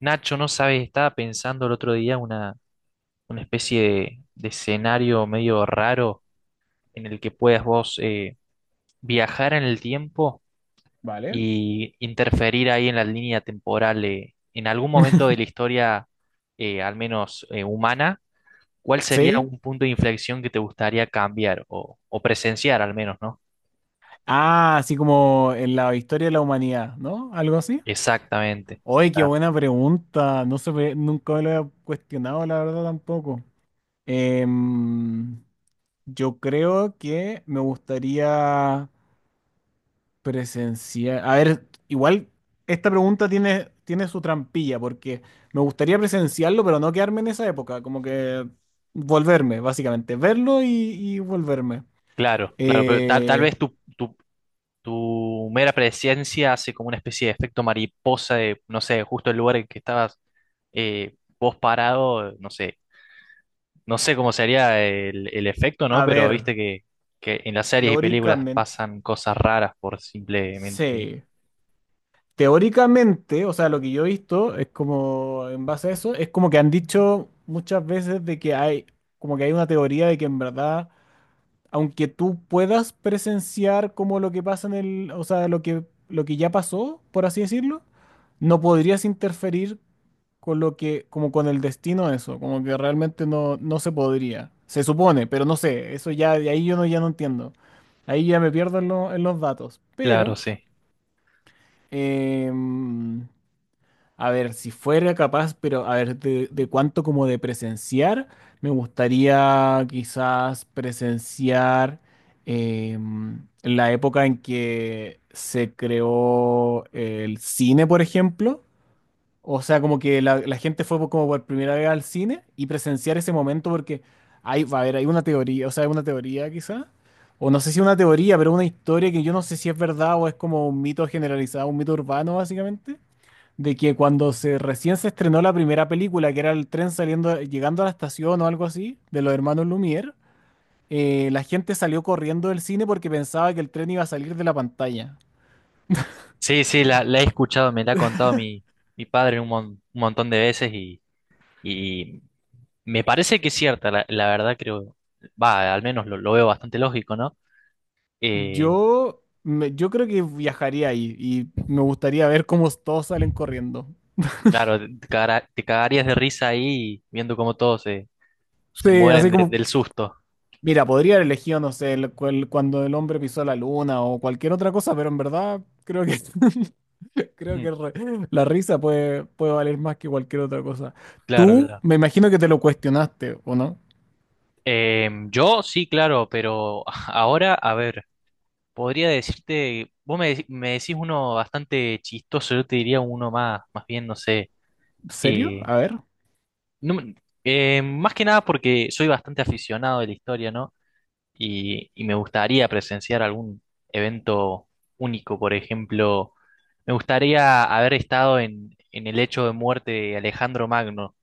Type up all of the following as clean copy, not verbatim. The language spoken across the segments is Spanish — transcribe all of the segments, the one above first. Nacho, no sabes, estaba pensando el otro día una especie de escenario medio raro en el que puedas vos viajar en el tiempo Vale. y interferir ahí en la línea temporal. En algún momento de la historia, al menos humana, ¿cuál sería ¿Sí? un punto de inflexión que te gustaría cambiar o presenciar al menos, ¿no? Ah, así como en la historia de la humanidad, ¿no? ¿Algo así? Exactamente. Oye, qué Claro, buena pregunta. Nunca me lo había cuestionado, la verdad, tampoco. Em, yo creo que me gustaría presenciar. A ver, igual esta pregunta tiene su trampilla, porque me gustaría presenciarlo, pero no quedarme en esa época. Como que volverme, básicamente. Verlo y volverme. claro, claro, pero tal Eh, vez tu mera presencia hace como una especie de efecto mariposa de, no sé, justo el lugar en que estabas vos parado, no sé, no sé cómo sería el efecto, ¿no? a Pero ver. viste que en las series y películas Teóricamente, pasan cosas raras por simplemente. sí. Teóricamente, o sea, lo que yo he visto es como, en base a eso, es como que han dicho muchas veces de que hay, como que hay una teoría de que en verdad, aunque tú puedas presenciar como lo que pasa en el, o sea, lo que ya pasó, por así decirlo, no podrías interferir con lo que, como con el destino de eso, como que realmente no se podría. Se supone, pero no sé, eso ya, de ahí yo no, ya no entiendo. Ahí ya me pierdo en los datos, Claro, pero... sí. Em, a ver, si fuera capaz, pero a ver, de cuánto como de presenciar, me gustaría quizás presenciar la época en que se creó el cine, por ejemplo. O sea, como que la gente fue como por primera vez al cine y presenciar ese momento porque hay, va a haber, hay una teoría, o sea, hay una teoría quizá, o no sé si una teoría, pero una historia que yo no sé si es verdad o es como un mito generalizado, un mito urbano básicamente, de que cuando se recién se estrenó la primera película, que era el tren saliendo, llegando a la estación o algo así, de los hermanos Lumière, la gente salió corriendo del cine porque pensaba que el tren iba a salir de la pantalla. Sí, sí, la he escuchado, me la ha contado mi padre un, un montón de veces y me parece que es cierta, la verdad creo, va, al menos lo veo bastante lógico, ¿no? Eh, Yo creo que viajaría ahí y me gustaría ver cómo todos salen corriendo. Claro, te cagarías de risa ahí viendo cómo todos se Sí, mueren así como, del susto. mira, podría haber elegido, no sé, cuando el hombre pisó la luna o cualquier otra cosa, pero en verdad creo que creo Mm. que re- la risa puede valer más que cualquier otra cosa. Claro, Tú, claro. me imagino que te lo cuestionaste, ¿o no? Yo sí, claro, pero ahora, a ver, podría decirte, vos me, me decís uno bastante chistoso, yo te diría uno más, más bien, no sé. ¿Serio? eh, A ver. no me- Más que nada porque soy bastante aficionado de la historia, ¿no? Y, y me gustaría presenciar algún evento único, por ejemplo, me gustaría haber estado en el hecho de muerte de Alejandro Magno,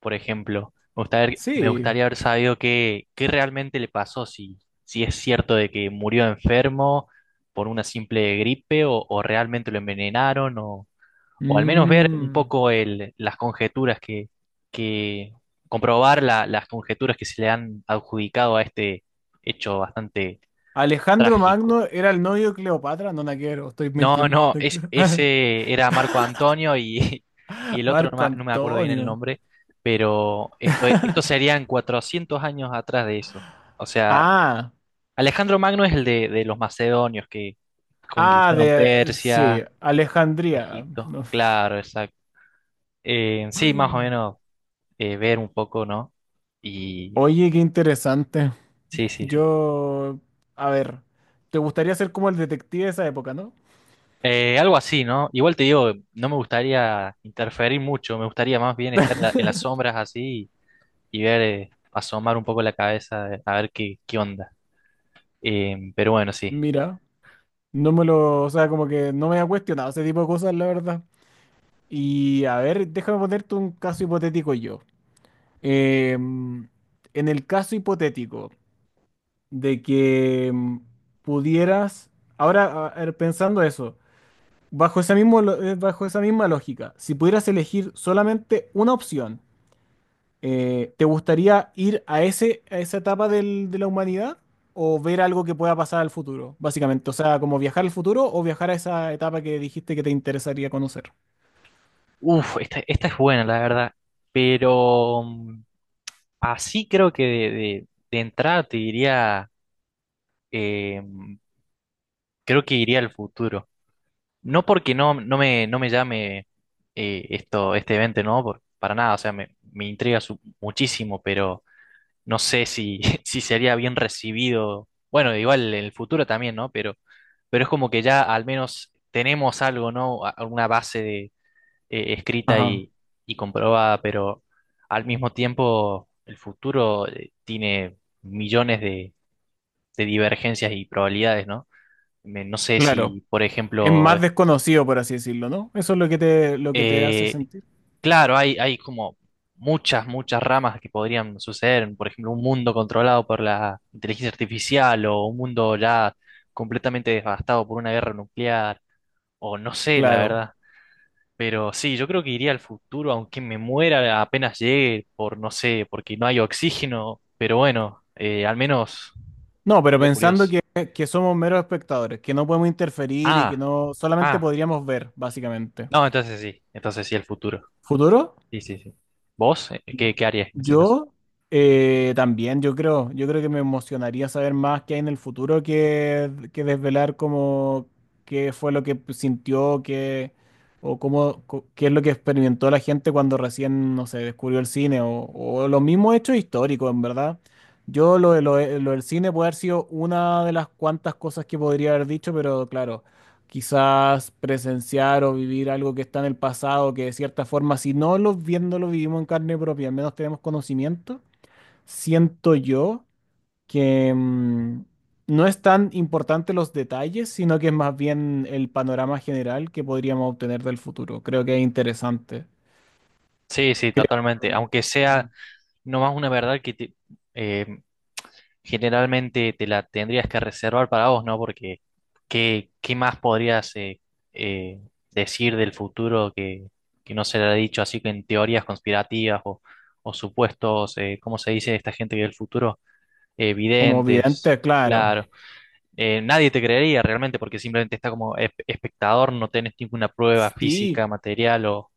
por ejemplo. Me Sí. gustaría haber sabido qué, qué realmente le pasó, si, si es cierto de que murió enfermo por una simple gripe o realmente lo envenenaron o al menos ver un Mm. poco las conjeturas que comprobar las conjeturas que se le han adjudicado a este hecho bastante Alejandro trágico. Magno era el novio de Cleopatra, no, no quiero, estoy No, mintiendo. no, ese era Marco Antonio y, y el otro no Marco me, no me acuerdo bien el Antonio. nombre, pero esto serían 400 años atrás de eso. O sea, Ah, Alejandro Magno es el de los macedonios que ah, conquistaron de, sí, Persia, Alejandría. Egipto, No. claro, exacto. Sí, más o menos ver un poco, ¿no? Y Oye, qué interesante. sí, sí, sí. Yo, a ver, ¿te gustaría ser como el detective de esa época, no? Algo así, ¿no? Igual te digo, no me gustaría interferir mucho, me gustaría más bien estar en en las sombras así y ver, asomar un poco la cabeza, a ver qué, qué onda. Pero bueno, sí. Mira, no me lo, o sea, como que no me ha cuestionado ese tipo de cosas, la verdad. Y a ver, déjame ponerte un caso hipotético yo. Em, en el caso hipotético de que pudieras, ahora a ver, pensando eso, bajo esa bajo esa misma lógica, si pudieras elegir solamente una opción, ¿te gustaría ir a ese, a esa etapa de la humanidad o ver algo que pueda pasar al futuro, básicamente? O sea, como viajar al futuro o viajar a esa etapa que dijiste que te interesaría conocer. Uf, esta es buena, la verdad. Pero mm, así creo que de, de entrada te diría, eh, creo que iría al futuro. No porque no, no me, no me llame esto, este evento, no, para nada, o sea, me intriga muchísimo, pero no sé si, si sería bien recibido. Bueno, igual en el futuro también, ¿no? Pero es como que ya al menos tenemos algo, ¿no? Alguna base de, escrita Ajá, y comprobada, pero al mismo tiempo el futuro tiene millones de divergencias y probabilidades, ¿no? No sé claro. si, por Es ejemplo. más desconocido, por así decirlo, ¿no? Eso es lo que te hace eh, sentir. Claro, hay como muchas, muchas ramas que podrían suceder. Por ejemplo, un mundo controlado por la inteligencia artificial o un mundo ya completamente devastado por una guerra nuclear o no sé, la Claro. verdad. Pero sí, yo creo que iría al futuro, aunque me muera apenas llegue por, no sé, porque no hay oxígeno. Pero bueno, al menos No, pero sería pensando curioso. Que somos meros espectadores, que no podemos interferir y que Ah, no solamente ah. podríamos ver, básicamente. No, entonces sí, el futuro. ¿Futuro? Sí, sí, sí. ¿Vos? ¿Qué, qué harías en ese caso? Yo también, yo creo que me emocionaría saber más qué hay en el futuro que desvelar cómo qué fue lo que sintió, qué, o cómo, qué es lo que experimentó la gente cuando recién, no sé, descubrió el cine, o los mismos hechos históricos, en verdad. Yo lo, de- lo de- Lo del cine puede haber sido una de las cuantas cosas que podría haber dicho, pero claro quizás presenciar o vivir algo que está en el pasado, que de cierta forma, si no lo viéndolo, vivimos en carne propia, al menos tenemos conocimiento, siento yo que no es tan importante los detalles, sino que es más bien el panorama general que podríamos obtener del futuro. Creo que es interesante. Sí, sí, Creo totalmente. Aunque que, mm, sea no más una verdad eh, generalmente te la tendrías que reservar para vos, ¿no? Porque ¿qué, qué más podrías eh, decir del futuro que no se le ha dicho así que en teorías conspirativas o supuestos, ¿cómo se dice esta gente que del futuro? Como Videntes, vidente, claro. claro. Nadie te creería realmente porque simplemente está como espectador, no tenés ninguna prueba Sí. física, material o...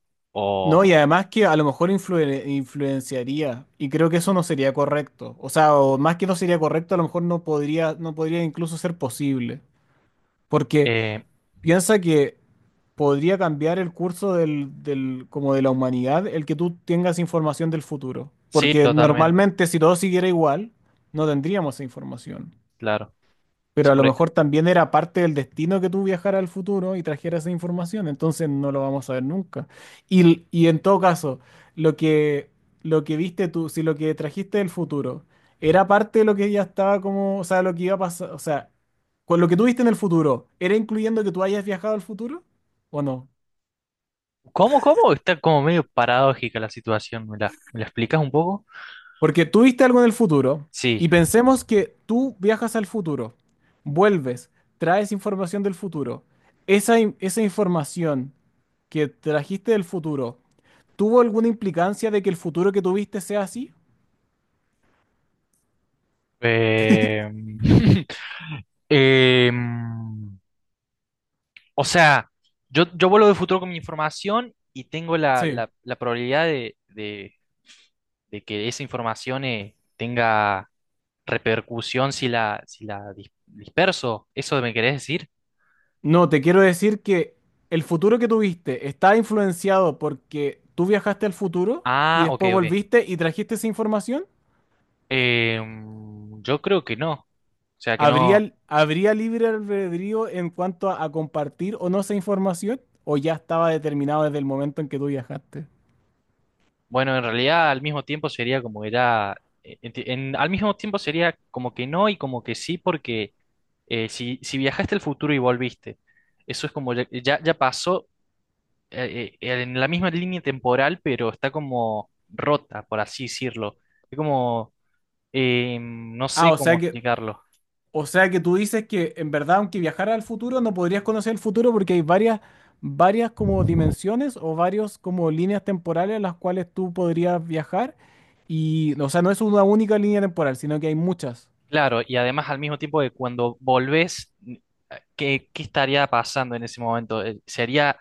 No, y o además que a lo mejor influenciaría, y creo que eso no sería correcto. O sea, o más que no sería correcto, a lo mejor no podría incluso ser posible. Porque eh, piensa que podría cambiar el curso como de la humanidad el que tú tengas información del futuro. sí, Porque totalmente, normalmente si todo siguiera igual, no tendríamos esa información. claro. Sí, Pero a lo mejor también era parte del destino que tú viajaras al futuro y trajeras esa información, entonces no lo vamos a ver nunca. Y en todo caso, lo que, lo que viste tú, si lo que trajiste del futuro era parte de lo que ya estaba como, o sea, lo que iba a pasar, o sea, con lo que tú viste en el futuro, ¿era incluyendo que tú hayas viajado al futuro o no? ¿cómo, cómo? Está como medio paradójica la situación. ¿Me me la explicas un poco? Porque tú viste algo en el futuro Sí. y pensemos que tú viajas al futuro, vuelves, traes información del futuro. Esa información que trajiste del futuro, ¿tuvo alguna implicancia de que el futuro que tuviste sea así? Eh, em, o sea, yo vuelvo de futuro con mi información y tengo Sí, la probabilidad de que esa información tenga repercusión si si la disperso. ¿Eso me querés decir? no, te quiero decir que el futuro que tuviste está influenciado porque tú viajaste al futuro y Ah, ok, después ok. volviste y trajiste esa información. Em, yo creo que no. O sea, que no. ¿Habría libre albedrío en cuanto a compartir o no esa información? ¿O ya estaba determinado desde el momento en que tú viajaste? Bueno, en realidad al mismo tiempo sería como era, al mismo tiempo sería como que no y como que sí, porque si, si viajaste al futuro y volviste, eso es como ya, ya, ya pasó en la misma línea temporal, pero está como rota, por así decirlo. Es como, no Ah, sé o sea cómo que, explicarlo. o sea que tú dices que en verdad, aunque viajara al futuro, no podrías conocer el futuro porque hay varias, varias como dimensiones o varios como líneas temporales a las cuales tú podrías viajar. Y, o sea, no es una única línea temporal, sino que hay muchas. Claro, y además al mismo tiempo que cuando volvés, ¿qué, qué estaría pasando en ese momento? ¿Sería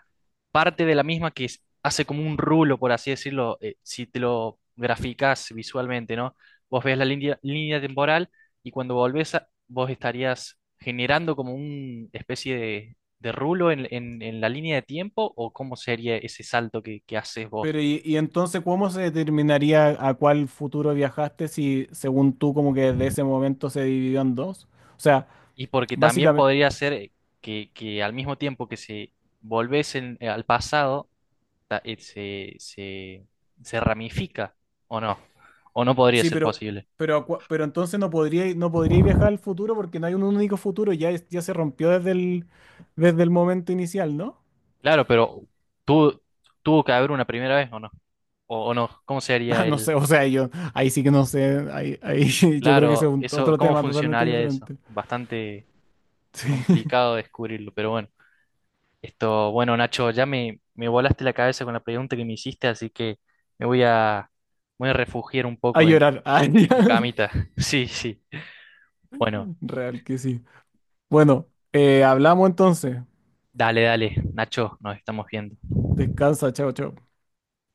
parte de la misma que hace como un rulo, por así decirlo, si te lo graficás visualmente, ¿no? Vos ves línea temporal y cuando volvés, vos estarías generando como una especie de rulo en, en la línea de tiempo, ¿o cómo sería ese salto que haces vos? Y entonces, ¿cómo se determinaría a cuál futuro viajaste si, según tú, como que desde ese momento se dividió en dos? O sea, Y porque también básicamente, podría ser que al mismo tiempo que se al pasado, ta- eh, se, se, se ramifica, ¿o no? ¿O no podría sí, ser posible? Pero entonces no podría viajar al futuro porque no hay un único futuro, ya, ya se rompió desde el momento inicial, ¿no? Claro, pero tu- tuvo que haber una primera vez, ¿o no? O no? ¿Cómo se Ah, haría no el? sé, o sea, yo ahí sí que no sé, ahí yo creo que ese es Claro, eso, otro ¿cómo tema totalmente funcionaría eso? diferente. Bastante Sí, complicado descubrirlo, pero bueno. Esto, bueno, Nacho, ya me volaste la cabeza con la pregunta que me hiciste, así que me voy a, voy a refugiar un a poco llorar, ah, en mi ya. camita. Sí, sí. Bueno, Real que sí. Bueno, hablamos entonces. dale, dale, Nacho, nos estamos viendo. Descansa, chao, chao.